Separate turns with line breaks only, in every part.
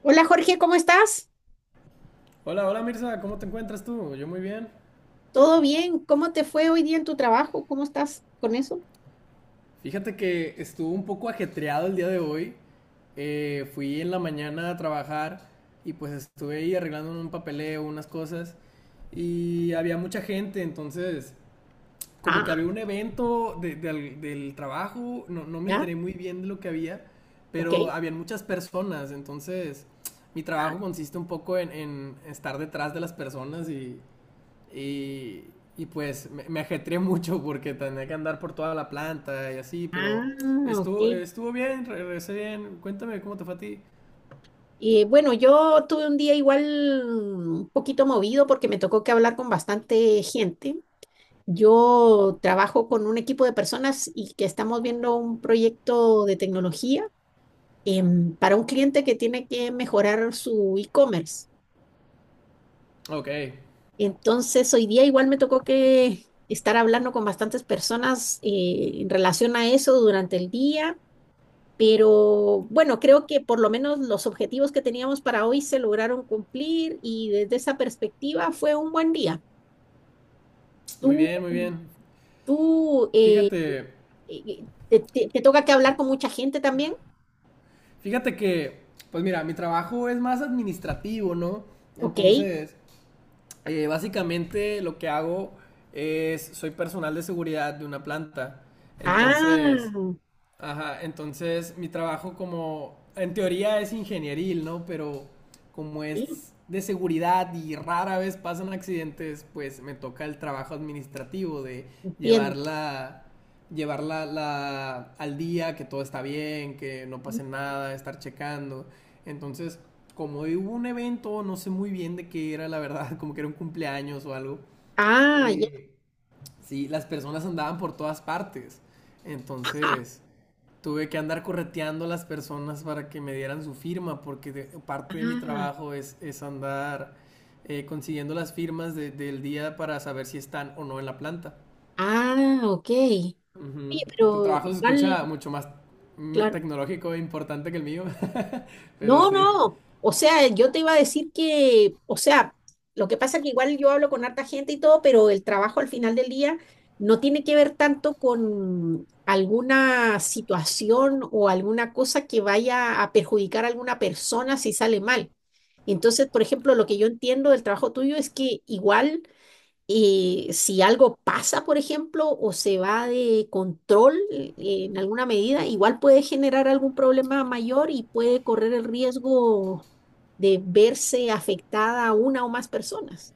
Hola Jorge, ¿cómo estás?
Hola, hola Mirza, ¿cómo te encuentras tú? Yo muy bien.
¿Todo bien? ¿Cómo te fue hoy día en tu trabajo? ¿Cómo estás con eso?
Fíjate que estuvo un poco ajetreado el día de hoy. Fui en la mañana a trabajar y pues estuve ahí arreglando un papeleo, unas cosas y había mucha gente, entonces como
Ah,
que había un evento del trabajo, no, no me
ya,
enteré muy bien de lo que había,
ok.
pero habían muchas personas, entonces mi trabajo consiste un poco en estar detrás de las personas Y, y pues me ajetreé mucho porque tenía que andar por toda la planta y así, pero
Ah, ok.
estuvo bien, regresé bien. Cuéntame cómo te fue a ti.
Bueno, yo tuve un día igual un poquito movido porque me tocó que hablar con bastante gente. Yo trabajo con un equipo de personas y que estamos viendo un proyecto de tecnología para un cliente que tiene que mejorar su e-commerce.
Ok,
Entonces, hoy día igual me tocó que estar hablando con bastantes personas en relación a eso durante el día, pero bueno, creo que por lo menos los objetivos que teníamos para hoy se lograron cumplir y desde esa perspectiva fue un buen día.
muy
Tú,
bien, muy bien.
tú
Fíjate,
te toca que hablar con mucha gente también.
fíjate que, pues mira, mi trabajo es más administrativo, ¿no?
Ok.
Entonces, básicamente lo que hago es, soy personal de seguridad de una planta.
Ah,
Entonces, ajá, entonces mi trabajo como, en teoría es ingenieril, ¿no? Pero como
sí,
es de seguridad y rara vez pasan accidentes, pues me toca el trabajo administrativo de
entiendo.
llevarla, llevarla al día, que todo está bien, que no pase nada, estar checando. Entonces, como hoy hubo un evento, no sé muy bien de qué era, la verdad, como que era un cumpleaños o algo.
Ah, ya.
eh, sí, las personas andaban por todas partes. Entonces, tuve que andar correteando a las personas para que me dieran su firma, porque parte de mi
Ah,
trabajo es andar consiguiendo las firmas del día para saber si están o no en la planta.
ah, ok. Oye,
Ujú. Tu
pero
trabajo se
igual,
escucha mucho más
claro.
tecnológico e importante que el mío, pero
No,
sí.
no. O sea, yo te iba a decir que, o sea, lo que pasa es que igual yo hablo con harta gente y todo, pero el trabajo al final del día no tiene que ver tanto con alguna situación o alguna cosa que vaya a perjudicar a alguna persona si sale mal. Entonces, por ejemplo, lo que yo entiendo del trabajo tuyo es que igual si algo pasa, por ejemplo, o se va de control en alguna medida, igual puede generar algún problema mayor y puede correr el riesgo de verse afectada una o más personas.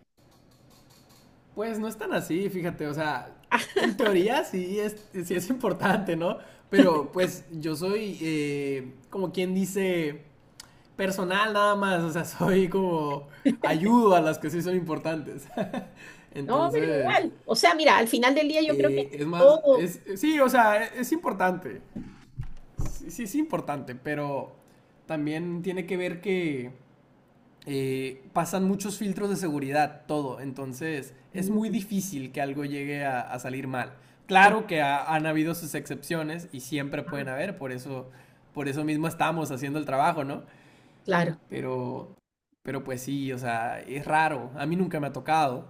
Pues no es tan así, fíjate, o sea, en teoría sí es importante, ¿no? Pero pues yo soy como quien dice personal nada más, o sea, soy como ayudo a las que sí son importantes.
No, pero
Entonces,
igual. O sea, mira, al final del día yo creo que
es más,
todo...
sí, o sea, es importante, sí, sí es importante, pero también tiene que ver que pasan muchos filtros de seguridad, todo, entonces es muy
Mm,
difícil que algo llegue a salir mal.
eh,
Claro que han habido sus excepciones y siempre
ah,
pueden haber, por eso, mismo estamos haciendo el trabajo, ¿no?
claro.
Pero, pero pues sí, o sea, es raro. A mí nunca me ha tocado.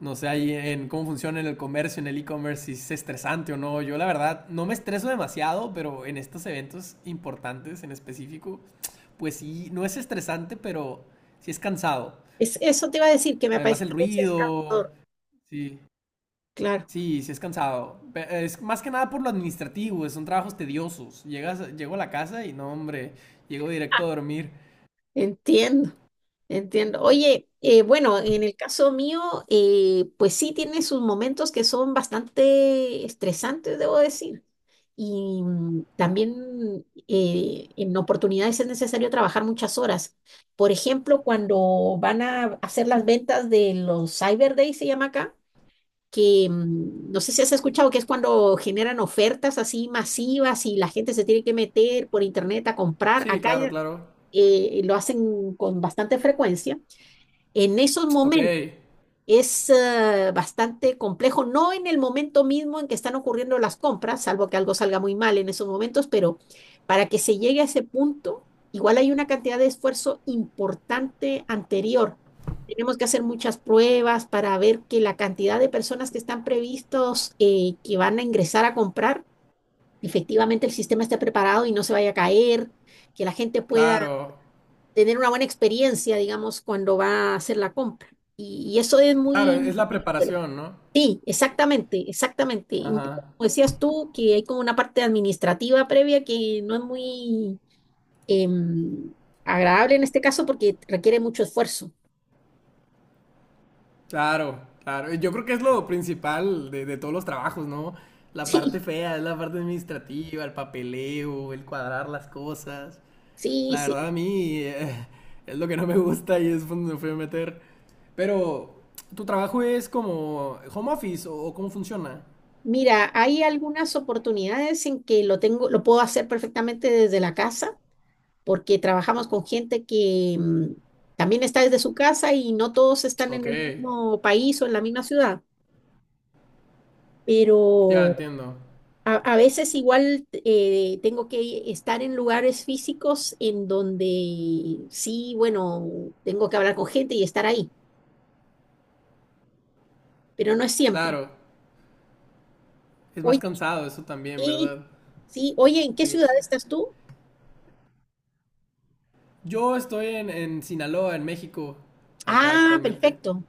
No sé ahí en cómo funciona en el comercio, en el e-commerce, si es estresante o no. Yo la verdad no me estreso demasiado, pero en estos eventos importantes en específico, pues sí, no es estresante, pero sí es cansado.
Eso te iba a decir, que me
Además
parece
el
que es el
ruido,
factor.
sí,
Claro.
sí, sí es cansado. Es más que nada por lo administrativo, son trabajos tediosos. Llego a la casa y no, hombre, llego directo a dormir.
Entiendo, entiendo. Oye, bueno, en el caso mío, pues sí tiene sus momentos que son bastante estresantes, debo decir. Y también en oportunidades es necesario trabajar muchas horas. Por ejemplo, cuando van a hacer las ventas de los Cyber Days, se llama acá, que no sé si has escuchado que es cuando generan ofertas así masivas y la gente se tiene que meter por internet a comprar.
Sí,
Acá
claro, claro.
lo hacen con bastante frecuencia, en esos
Ok.
momentos es bastante complejo, no en el momento mismo en que están ocurriendo las compras, salvo que algo salga muy mal en esos momentos, pero para que se llegue a ese punto, igual hay una cantidad de esfuerzo importante anterior. Tenemos que hacer muchas pruebas para ver que la cantidad de personas que están previstos que van a ingresar a comprar, efectivamente el sistema esté preparado y no se vaya a caer, que la gente pueda
Claro,
tener una buena experiencia, digamos, cuando va a hacer la compra. Y eso es
claro,
muy...
es la preparación, ¿no?
Sí, exactamente, exactamente. Y un poco
Ajá,
como decías tú, que hay como una parte administrativa previa que no es muy em, agradable en este caso porque requiere mucho esfuerzo.
claro, claro. Yo creo que es lo principal de todos los trabajos, ¿no? La parte fea es la parte administrativa, el papeleo, el cuadrar las cosas.
Sí,
La
sí,
verdad
sí.
a mí es lo que no me gusta y es donde me fui a meter. Pero, ¿tu trabajo es como home office o cómo funciona?
Mira, hay algunas oportunidades en que lo tengo, lo puedo hacer perfectamente desde la casa. Porque trabajamos con gente que también está desde su casa y no todos están en
Ok,
el mismo país o en la misma ciudad,
ya
pero
entiendo.
a veces igual tengo que estar en lugares físicos en donde sí, bueno, tengo que hablar con gente y estar ahí, pero no es siempre.
Claro, es más
Oye,
cansado eso también,
y-
¿verdad?
sí, oye, ¿en qué ciudad estás tú?
Yo estoy en Sinaloa, en México, acá
Ah,
actualmente.
perfecto,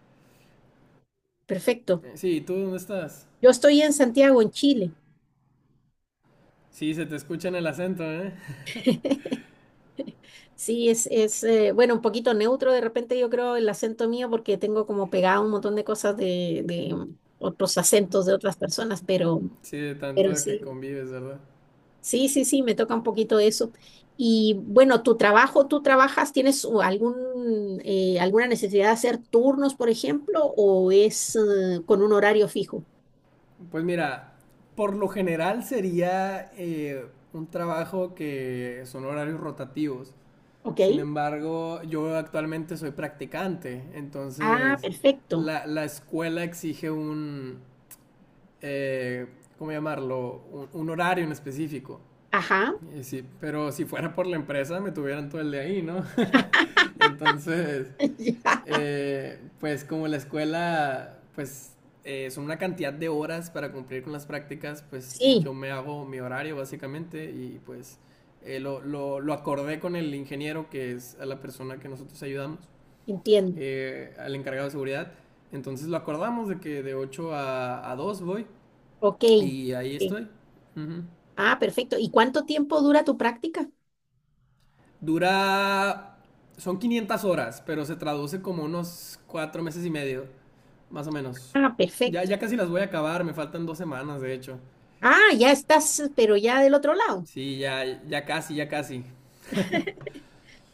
perfecto.
Sí, ¿tú dónde estás?
Yo estoy en Santiago, en Chile.
Sí, se te escucha en el acento, ¿eh?
Sí, es bueno, un poquito neutro de repente yo creo el acento mío porque tengo como pegado un montón de cosas de otros acentos de otras personas, pero,
Sí, de tanto que
sí,
convives, ¿verdad?
sí, sí, sí, me toca un poquito eso. Y bueno, tu trabajo, tú trabajas, ¿tienes alguna necesidad de hacer turnos, por ejemplo, o es con un horario fijo?
Pues mira, por lo general sería un trabajo que son horarios rotativos.
¿Ok?
Sin embargo, yo actualmente soy practicante,
Ah,
entonces
perfecto.
la escuela exige eh, ¿cómo llamarlo? Un horario en específico.
Ajá.
Y sí, pero si fuera por la empresa me tuvieran todo el día ahí, ¿no? Entonces,
Ya.
pues como la escuela, pues son una cantidad de horas para cumplir con las prácticas, pues
Sí,
yo me hago mi horario básicamente y pues lo acordé con el ingeniero que es la persona que nosotros ayudamos,
entiendo.
al encargado de seguridad. Entonces lo acordamos de que de 8 a 2 voy
Ok.
y ahí
Ok.
estoy. Uh -huh.
Ah, perfecto. ¿Y cuánto tiempo dura tu práctica?
Dura. Son 500 horas, pero se traduce como unos 4 meses y medio, más o menos.
Ah,
Ya,
perfecto.
ya casi las voy a acabar, me faltan 2 semanas, de hecho.
Ah, ya estás, pero ya del otro lado.
Sí, ya, ya casi, ya casi.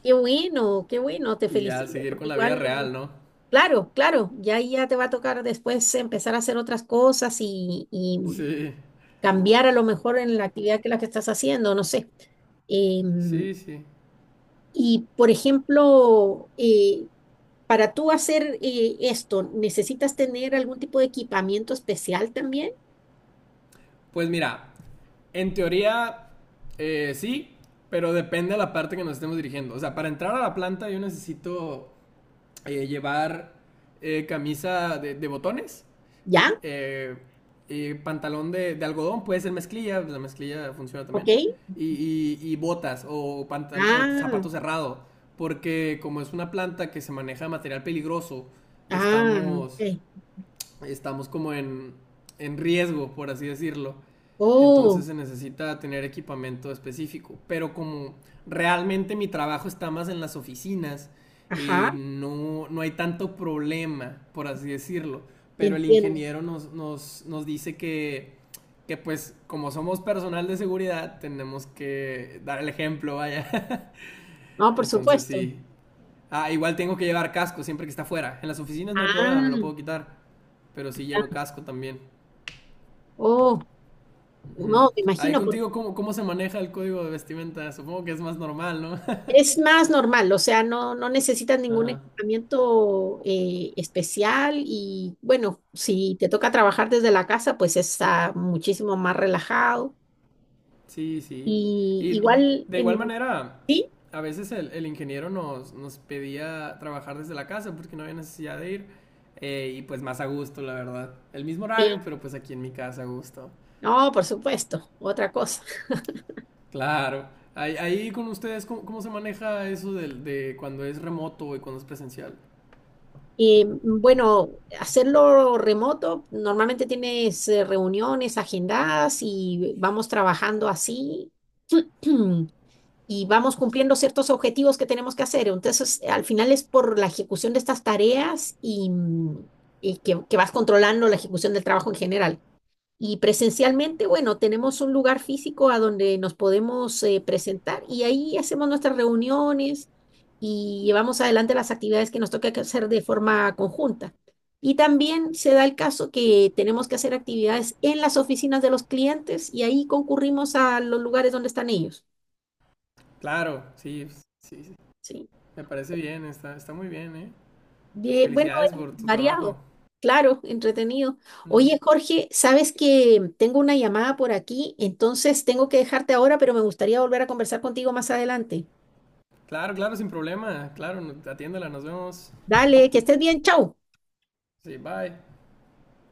Qué bueno, te
Y ya
felicito,
seguir con
porque
la vida
igual,
real, ¿no?
claro, claro, ya ahí ya te va a tocar después empezar a hacer otras cosas y
Sí,
cambiar a lo mejor en la actividad que la que estás haciendo, no sé. Em,
sí, sí.
y, por ejemplo, para tú hacer esto, ¿necesitas tener algún tipo de equipamiento especial también?
Pues mira, en teoría, sí, pero depende de la parte que nos estemos dirigiendo. O sea, para entrar a la planta yo necesito llevar camisa de botones
¿Ya?
eh, pantalón de algodón, puede ser mezclilla, pues la mezclilla funciona
¿Ok?
también. Y botas o
Ah,
zapato cerrado, porque como es una planta que se maneja material peligroso,
ah, ok.
estamos estamos como en riesgo, por así decirlo. Entonces
Oh,
se necesita tener equipamiento específico. Pero como realmente mi trabajo está más en las oficinas,
ajá,
no, no hay tanto problema, por así decirlo. Pero el
entiendo.
ingeniero nos dice que, pues, como somos personal de seguridad, tenemos que dar el ejemplo, vaya.
No, por
Entonces
supuesto.
sí, ah, igual tengo que llevar casco siempre que está afuera. En las oficinas no hay problema, me lo
Ah,
puedo quitar. Pero sí llevo
ya.
casco también.
Oh,
Ujú.
no, me
Ahí
imagino.
contigo, ¿cómo se maneja el código de vestimenta? Supongo que es más normal, ¿no?
Es más normal, o sea, no, no necesitas ningún
Ajá.
equipamiento especial y bueno, si te toca trabajar desde la casa, pues está muchísimo más relajado.
Sí, sí.
Y
Y
igual
de igual
en...
manera,
Sí,
a veces el ingeniero nos pedía trabajar desde la casa porque no había necesidad de ir. Y pues más a gusto, la verdad. El mismo
sí,
horario, pero pues aquí en mi casa a gusto.
no, por supuesto, otra cosa.
Claro. Ahí con ustedes, ¿cómo se maneja eso del de cuando es remoto y cuando es presencial?
Bueno, hacerlo remoto, normalmente tienes reuniones agendadas y vamos trabajando así y vamos cumpliendo ciertos objetivos que tenemos que hacer. Entonces, al final es por la ejecución de estas tareas y que vas controlando la ejecución del trabajo en general. Y presencialmente, bueno, tenemos un lugar físico a donde nos podemos presentar y ahí hacemos nuestras reuniones y llevamos adelante las actividades que nos toca que hacer de forma conjunta. Y también se da el caso que tenemos que hacer actividades en las oficinas de los clientes y ahí concurrimos a los lugares donde están ellos.
Claro, sí, pues, sí, sí.
¿Sí?
Me parece bien, está muy bien, ¿eh?
Bien, bueno,
Felicidades
es
por tu trabajo.
variado, claro, entretenido.
Ujú.
Oye, Jorge, sabes que tengo una llamada por aquí, entonces tengo que dejarte ahora, pero me gustaría volver a conversar contigo más adelante.
Claro, claro, sin problema. Claro, atiéndela, nos vemos.
Dale, que estés bien, chao.
Sí, bye.